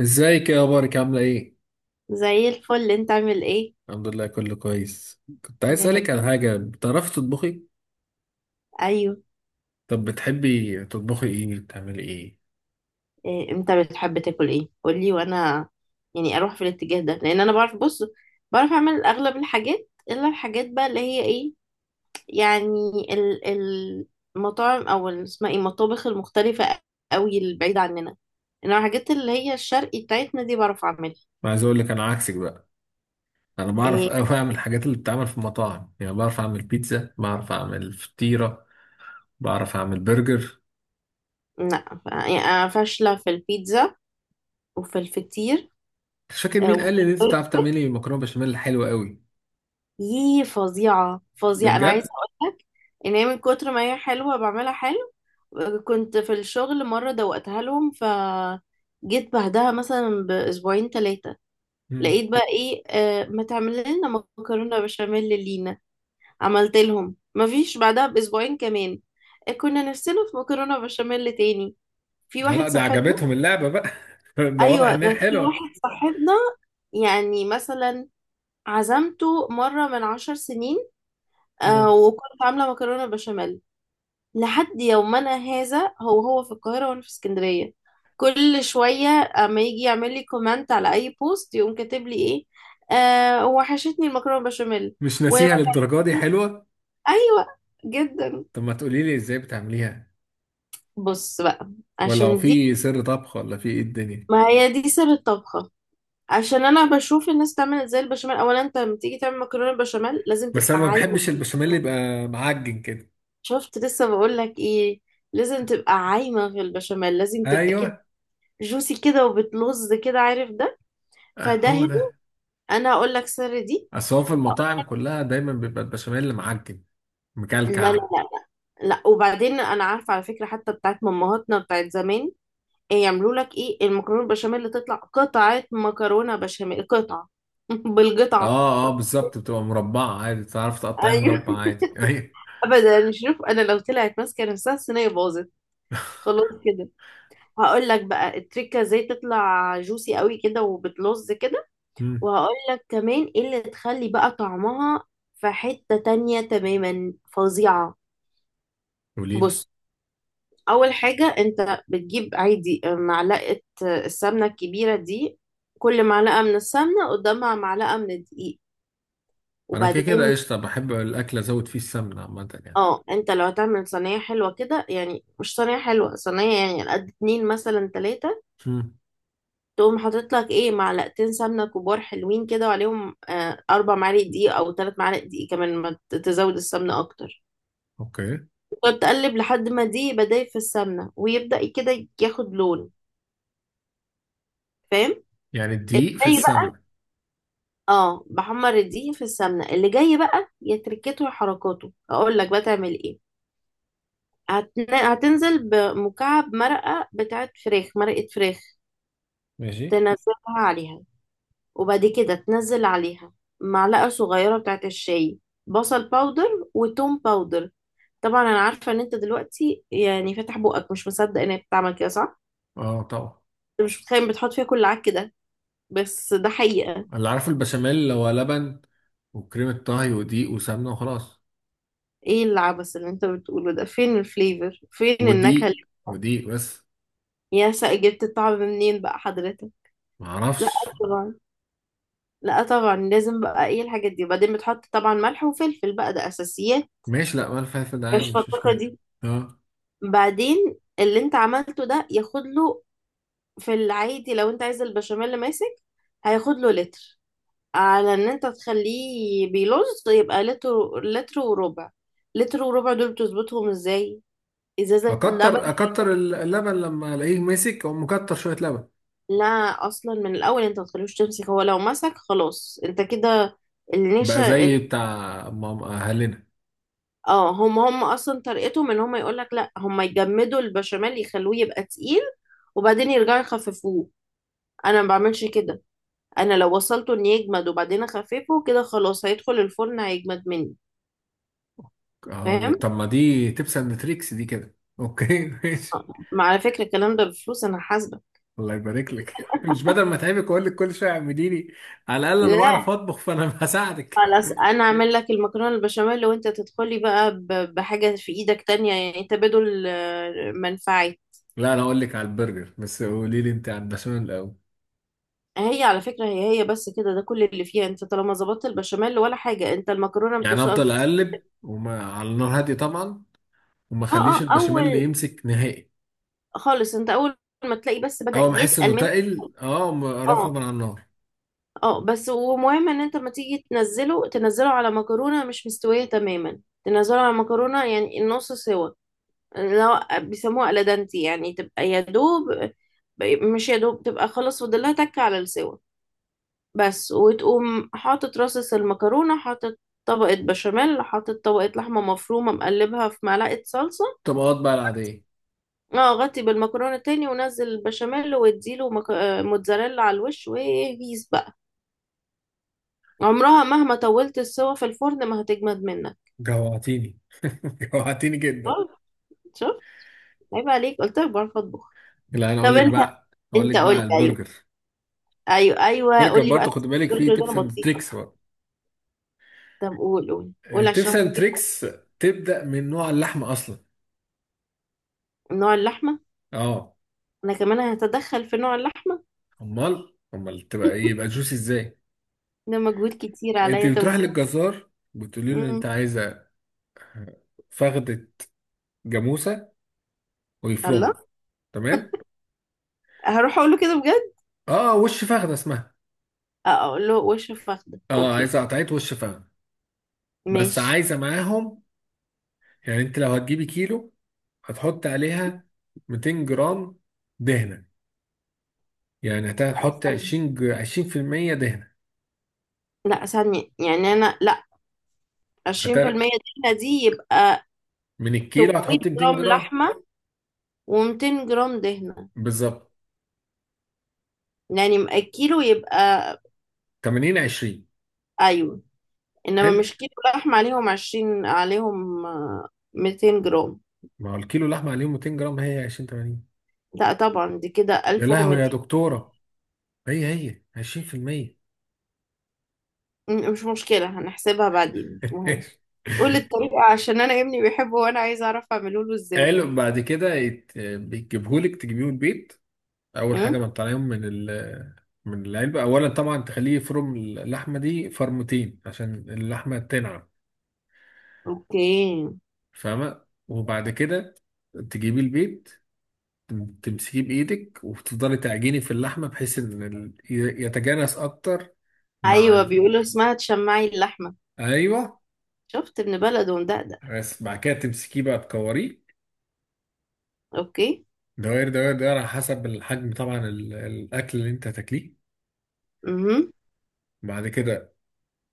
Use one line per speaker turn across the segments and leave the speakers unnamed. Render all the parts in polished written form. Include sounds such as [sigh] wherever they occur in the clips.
ازيك؟ يا اخبارك عامله ايه؟
زي الفل، انت عامل ايه؟
الحمد لله كله كويس. كنت عايز
يا رب.
اسالك على حاجه، بتعرفي تطبخي؟
ايوه.
طب بتحبي تطبخي ايه؟ بتعملي ايه؟
إيه انت بتحب تاكل ايه؟ قولي وانا يعني اروح في الاتجاه ده، لان انا بعرف. بص، بعرف اعمل اغلب الحاجات الا الحاجات بقى اللي هي ايه يعني ال- ال- المطاعم او اسمها ايه، المطابخ المختلفة قوي البعيدة عننا. انما الحاجات اللي هي الشرقي بتاعتنا دي بعرف اعملها.
ما عايز اقول لك انا عكسك بقى. انا بعرف
إيه،
قوي اعمل الحاجات اللي بتتعمل في المطاعم، يعني بعرف اعمل بيتزا، بعرف اعمل فطيره، بعرف اعمل برجر.
لا يعني انا فاشلة في البيتزا وفي الفطير.
مش فاكر مين
اه،
قال لي ان انت بتعرف تعملي مكرونه بشاميل حلوه قوي.
يي، فظيعة
ده
فظيعة. أنا عايزة
بجد؟
أقولك إن هي من كتر ما هي حلوة بعملها حلو. كنت في الشغل مرة دوقتها لهم، فجيت بعدها مثلا بأسبوعين ثلاثة
مم.
لقيت بقى إيه، آه ما تعمل لنا مكرونة بشاميل لينا. عملت لهم، مفيش بعدها بأسبوعين كمان آه، كنا نفسنا في مكرونة بشاميل تاني. في
لا
واحد
ده
صاحبنا،
عجبتهم اللعبه بقى. [laughs] ده واضح
أيوة
ان هي
ده في
حلوه.
واحد صاحبنا، يعني مثلا عزمته مرة من 10 سنين، آه
مم.
وكنت عاملة مكرونة بشاميل. لحد يومنا هذا، هو هو في القاهرة وانا في اسكندرية، كل شوية اما يجي يعمل لي كومنت على اي بوست يقوم كاتب لي ايه، آه وحشتني المكرونة بشاميل.
مش
و...
ناسيها للدرجه دي، حلوه.
ايوه، جدا.
طب ما تقولي لي ازاي بتعمليها؟
بص بقى،
ولا هو
عشان دي،
في سر طبخ ولا في ايه الدنيا؟
ما هي دي سر الطبخة، عشان انا بشوف الناس تعمل ازاي البشاميل. اولا، انت لما تيجي تعمل مكرونة بشاميل لازم تبقى
بس انا ما
عايمة.
بحبش البشاميل اللي يبقى معجن كده.
شفت؟ لسه بقول لك ايه، لازم تبقى عايمة في البشاميل، لازم تبقى كده
ايوه.
جوسي كده وبتلز كده، عارف ده؟
آه،
فده
هو
هنا
ده.
انا اقول لك سر دي.
اصل هو في المطاعم كلها دايما بيبقى البشاميل معجن،
لا لا
مكلكع.
لا، لا لا، وبعدين انا عارفه على فكره، حتى بتاعت مامهاتنا بتاعت زمان إيه؟ يعملوا لك ايه المكرونه البشاميل اللي تطلع قطعه مكرونه بشاميل قطعه؟ [laughs] بالقطعه.
اه بالظبط، بتبقى مربعة عادي، تعرف تقطعيها
ايوه.
مربع عادي [laughs] ايوه.
ابدا، شوف، انا لو طلعت ماسكه نفسها الصينيه باظت، خلاص كده. هقول لك بقى التريكه ازاي تطلع جوسي قوي كده وبتلظ كده،
امم.
وهقول لك كمان ايه اللي تخلي بقى طعمها في حته تانية تماما، فظيعه.
قولي لي.
بص، اول حاجة انت بتجيب عادي آه، معلقة آه، السمنة الكبيرة دي. كل معلقة من السمنة قدامها معلقة من الدقيق.
انا كده كده
وبعدين،
قشطة، بحب الاكل، ازود فيه السمنة عامة يعني.
اه انت لو هتعمل صينية حلوة كده، يعني مش صينية حلوة، صينية يعني على قد اتنين مثلا تلاتة،
امم.
تقوم حاطط لك ايه معلقتين سمنة كبار حلوين كده، وعليهم آه اربع معالق دقيق او تلات معالق دقيق. كمان ما تزود السمنة اكتر.
اوكي.
وتقلب لحد ما دي بداية في السمنة ويبدأ كده ياخد لون. فاهم؟
يعني الدقيق في السمنة.
اه، بحمر الدقيق في السمنة. اللي جاي بقى يا تركته يا حركاته، اقول لك بقى تعمل ايه. هتنزل بمكعب مرقة بتاعت فراخ، مرقة فراخ،
ماشي.
تنزلها عليها. وبعد كده تنزل عليها معلقة صغيرة بتاعت الشاي بصل باودر وتوم باودر. طبعا انا عارفة ان انت دلوقتي يعني فاتح بقك مش مصدق ان هي بتعمل كده، صح؟
اه طبعا.
انت مش متخيل بتحط فيها كل عك ده، بس ده حقيقة.
اللي عارف البشاميل اللي هو لبن وكريمة طهي ودقيق وسمنة وخلاص.
ايه العبث اللي انت بتقوله ده؟ فين الفليفر؟ فين النكهة؟
ودقيق بس.
يا سا جبت الطعم منين بقى حضرتك؟
ما
لا
اعرفش.
طبعا، لا طبعا، لازم بقى ايه الحاجات دي. وبعدين بتحط طبعا ملح وفلفل بقى، ده اساسيات.
ماشي، لا مال فلفل ده عادي،
كشف
مش
الطاقه
مشكله.
دي.
اه.
بعدين اللي انت عملته ده ياخد له، في العادي لو انت عايز البشاميل اللي ماسك هياخد له لتر. على ان انت تخليه بيلوز يبقى لتر لتر وربع. لتر وربع دول بتظبطهم ازاي؟ ازازه اللبن.
اكتر اللبن، لما الاقيه ماسك او مكتر شويه لبن.
لا، اصلا من الاول انت ما تخليهوش تمسك. هو لو مسك خلاص انت كده.
بقى
النشا.
زي بتاع ماما اهلنا.
اه، هم هم اصلا طريقتهم ان هم يقول لك لا، هم يجمدوا البشاميل يخلوه يبقى تقيل، وبعدين يرجعوا يخففوه. انا ما بعملش كده. انا لو وصلته ان يجمد وبعدين اخففه كده، خلاص هيدخل الفرن هيجمد مني.
اه
فاهم؟
طب ما دي تبس اند تريكس دي كده، اوكي [laughs] ماشي.
ما على فكره الكلام ده بفلوس، انا حاسبه.
الله يبارك لك [laughs] مش بدل ما اتعبك واقول لك كل شويه اعمليني، على الاقل انا
لا،
بعرف اطبخ فانا [laughs] هساعدك.
خلاص انا اعمل لك المكرونه البشاميل وانت تدخلي بقى بحاجه في ايدك تانية، يعني تبادل آه، منفعي.
لا انا اقول لك على البرجر، بس قولي لي انت على البشاميل الاول.
هي على فكرة هي هي بس كده، ده كل اللي فيها. انت طالما ظبطت البشاميل ولا حاجة، انت المكرونة.
يعني افضل اقلب، وما على النار هاديه طبعا، وما
اه اه،
اخليش البشاميل
اول
اللي يمسك نهائي.
خالص، انت اول ما تلاقي بس بدأ
اول ما احس انه
يتقل منك.
تقل، اه رفعه
اه
من على النار.
اه، بس ومهم ان انت لما تيجي تنزله تنزله على مكرونة مش مستوية تماما. تنزله على مكرونة يعني النص سوا، اللي هو بيسموها الادانتي، يعني تبقى يا دوب. مش يا دوب، تبقى خلاص فاضل لها تكة على السوا بس. وتقوم حاطط رصص المكرونة، حاطط طبقة بشاميل، حاطط طبقة لحمة مفرومة مقلبها في معلقة صلصة.
الطبقات بقى العادية.
اه، غطي بالمكرونة تاني ونزل البشاميل واديله مك... آه، موتزاريلا على الوش وهيس بقى. عمرها مهما طولت السوا في الفرن ما هتجمد منك.
جوعتيني. [laughs] جوعتيني جدا.
اه، شوف، عيب عليك، قلت لك بعرف اطبخ.
لا انا
طب
اقول لك
انت،
بقى، اقول لك
انت
بقى على
قلت ايوه.
البرجر.
ايوه ايوه،
البرجر
قول لي بقى.
برضه خد بالك فيه
البرجر ده انا
تيبس اند
بطيخه.
تريكس بقى.
طب قول قول قول، عشان
تيبس اند
بطيخه.
تريكس. تبدا من نوع اللحمه اصلا.
نوع اللحمه،
اه.
انا كمان هتدخل في نوع اللحمه.
امال تبقى ايه؟ يبقى جوسي ازاي؟
ده مجهود كتير
انت
عليا. طب،
بتروح للجزار، بتقولي له
امم
انت عايزه فخده جاموسه
الله،
ويفرمها. تمام.
هروح اقول له كده بجد.
اه، وش فخده اسمها.
اه اقول له وش فخده.
اه،
اوكي،
عايزه قطعيه وش فخده. بس
ماشي.
عايزه معاهم، يعني انت لو هتجيبي كيلو هتحط عليها 200 جرام دهنه. يعني هتحط 20% دهنه.
لا ثانية، يعني أنا لا،
هت...
20% دهنة دي يبقى
من الكيلو
800
هتحط 200
جرام
جرام.
لحمة و200 جرام دهنة.
بالظبط.
يعني الكيلو يبقى
80 20.
أيوة. إنما
حلو.
مش كيلو لحمة عليهم 20%، عليهم آه، 200 جرام.
ما هو الكيلو لحمه عليهم 200 جرام، هي 20 80.
لا طبعا، دي كده
يا لهوي يا
1200.
دكتوره. هي 20%.
مش مشكلة، هنحسبها بعدين مش مهم. قول الطريقة عشان أنا ابني بيحبه وأنا عايزة أعرف أعمله له إزاي.
قالوا [laughs] بعد كده بيجيبهولك تجيبيه من البيت. اول
أم؟
حاجه ما تطلعيهم من من العلبه. اولا طبعا تخليه يفرم اللحمه دي فرمتين عشان اللحمه تنعم.
أوكي.
فاهمه؟ وبعد كده تجيبي البيض، تمسكيه بايدك وتفضلي تعجني في اللحمه، بحيث ان يتجانس اكتر مع
أيوة بيقولوا اسمها تشمعي اللحمة.
ايوه.
شفت؟ ابن بلد ومدقدق.
بس بعد كده تمسكيه بقى، تكوريه
أوكي.
دوائر دوائر دوائر على حسب الحجم، طبعا الاكل اللي انت هتاكليه. بعد كده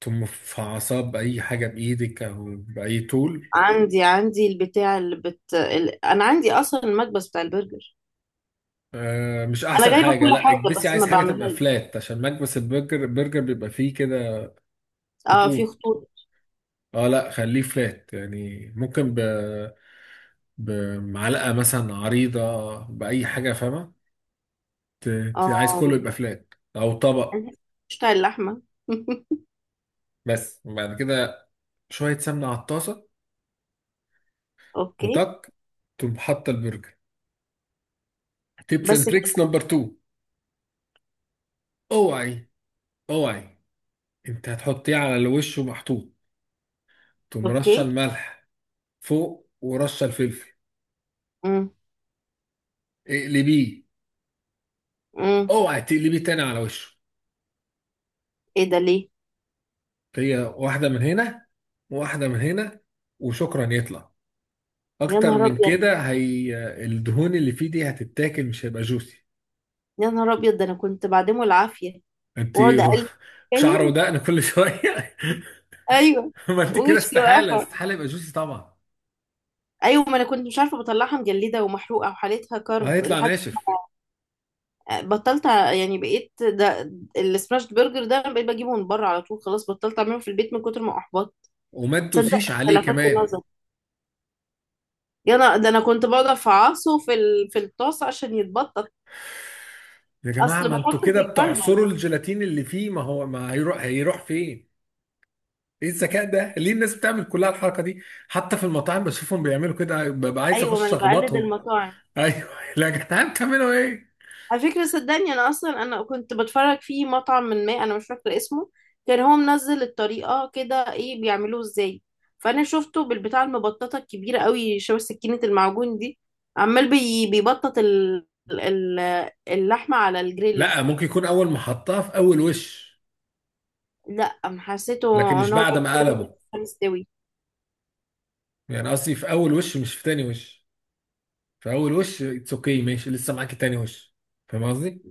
تقوم في عصاب اي حاجه بايدك او باي طول.
عندي البتاع انا عندي اصلا المكبس بتاع البرجر.
آه مش
انا
احسن
جايبه
حاجه،
كل
لا
حاجه
اكبسي،
بس
عايز
ما
حاجه تبقى
بعملهاش.
فلات، عشان مكبس البرجر، البرجر بيبقى فيه كده
اه في
خطوط.
خطوط.
اه لا خليه فلات، يعني ممكن بمعلقه مثلا عريضه، باي حاجه، فاهمه؟
اه
عايز كله يبقى فلات او طبق.
مش بتاع اللحمه. [laughs]
بس. وبعد كده شويه سمنه على الطاسه،
اوكي
وتك، تقوم حاطه البرجر. تيبس اند
بس
تريكس
كده.
نمبر 2. اوعي، اوعي، انت هتحطيه على الوش ومحطوط، تقوم
اوكي.
رشه الملح فوق ورشه الفلفل،
امم
اقلبيه.
امم
اوعى تقلبي تاني على وشه.
ايه ده ليه؟
هي واحدة من هنا وواحدة من هنا، وشكرا يطلع.
يا
اكتر
نهار
من
ابيض.
كده هي الدهون اللي فيه دي هتتاكل، مش هيبقى جوسي.
يا نهار ابيض، ده انا كنت بعدمه العافيه.
انت
واقعد اقلب.
[laughs] شعر
فاهم؟
ودقن كل شوية.
ايوه،
[laughs] ما انت كده
وش
استحالة
وقفه.
استحالة يبقى جوسي طبعا.
ايوه ما انا كنت مش عارفه، بطلعها مجلده ومحروقه وحالتها كرب،
هيطلع
لحد
ناشف.
يعني بقيت ده السماش برجر ده، بقيت بجيبه من بره على طول، خلاص بطلت اعمله في البيت من كتر ما احبطت.
وما
تصدق،
تدوسيش
انت
عليه
لفتت
كمان.
نظر. يا انا ده، انا كنت بقعد افعصه في في الطاسه عشان يتبطط.
يا جماعة
اصل
ما انتوا
بحطه
كده
بيكلبز.
بتعصروا الجيلاتين اللي فيه، ما هو ما هيروح، هيروح فين؟ ايه الذكاء ده؟ ليه الناس بتعمل كلها الحركة دي؟ حتى في المطاعم بشوفهم بيعملوا كده، ببقى عايز
ايوه ما
اخش
انا بقلد
اخبطهم.
المطاعم.
ايوه. لا يا جدعان، تعملوا ايه.
على فكرة صدقني أنا أصلا أنا كنت بتفرج في مطعم من، ما أنا مش فاكرة اسمه، كان هو منزل الطريقة كده إيه بيعملوه إزاي. فأنا شفته بالبتاع المبططة الكبيرة قوي شبه سكينة المعجون دي عمال بي بيبطط ال... اللحمة على الجريلة.
لا ممكن يكون اول محطة في اول وش،
لأ أم،
لكن
حسيته
مش
إن هو بيعمل
بعد ما
كده وهي
قلبه،
لسه مستوي.
يعني قصدي في اول وش مش في تاني وش. في اول وش اتس اوكي، ماشي، لسه معاكي تاني وش. فاهم قصدي؟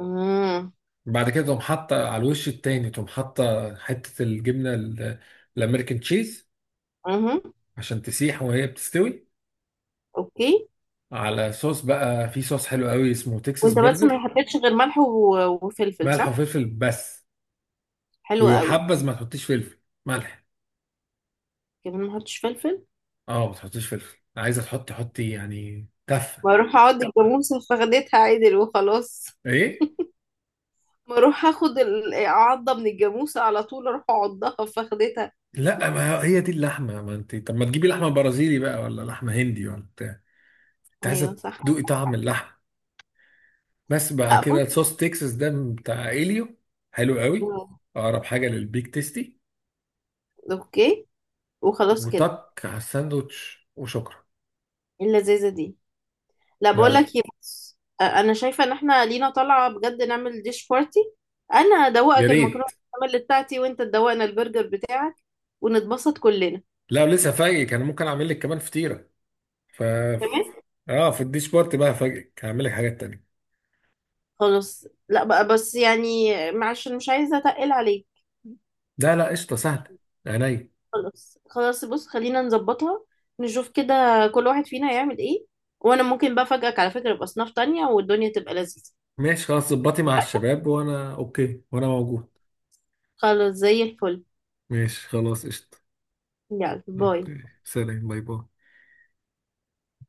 أمم،
بعد كده تقوم حاطة على الوش التاني، تقوم حاطة حتة الجبنة الامريكان تشيز،
أمم،
عشان تسيح وهي بتستوي.
أوكي.
على صوص بقى، في صوص حلو قوي اسمه تكساس
وأنت بس ما
برجر.
حطيتش غير ملح و... وفلفل،
ملح
صح؟
وفلفل بس.
حلو قوي.
ويحبذ ما تحطيش فلفل، ملح.
كمان ما حطيتش فلفل.
اه ما تحطيش فلفل، عايزه تحطي حطي يعني تفه.
ما اروح اقعد الجاموسه فخدتها عدل وخلاص.
ايه.
ما اروح اخد عضه من الجاموسه على طول، اروح اعضها فخدتها.
لا ما هي دي اللحمه، ما انت طب ما تجيبي لحمه برازيلي بقى ولا لحمه هندي ولا بتاع. انت
ايوه
عايزه
صح.
تدوقي طعم اللحمه. بس بعد
لا
كده
بص،
الصوص تكساس ده بتاع اليو، حلو قوي، اقرب حاجه للبيك تيستي.
اوكي، وخلاص كده.
وطك على الساندوتش وشكرا.
إيه اللذيذه دي؟ لا
لا
بقول
لا
لك ايه، بص، انا شايفه ان احنا لينا طالعه بجد، نعمل ديش بارتي. انا
يا
ادوقك المكرونه
ريت.
البشاميل بتاعتي، وانت تدوقنا البرجر بتاعك، ونتبسط كلنا.
لا لسه فاجئك، انا ممكن اعمل لك كمان فطيره. ف
تمام.
اه، في الديش بارت بقى فاجئك هعمل لك حاجات تانية.
خلاص لا بقى، بس يعني معلش أنا مش عايزه اتقل عليك.
لا قشطه سهله. عينيا.
خلاص خلاص، بص خلينا نظبطها، نشوف كده كل واحد فينا يعمل ايه. وانا ممكن بقى افاجئك على فكرة باصناف تانية والدنيا تبقى لذيذة.
ماشي خلاص، ظبطي مع الشباب وانا اوكي وانا موجود.
خلاص زي الفل.
ماشي خلاص قشطه.
يلا باي.
اوكي. سلام، باي باي.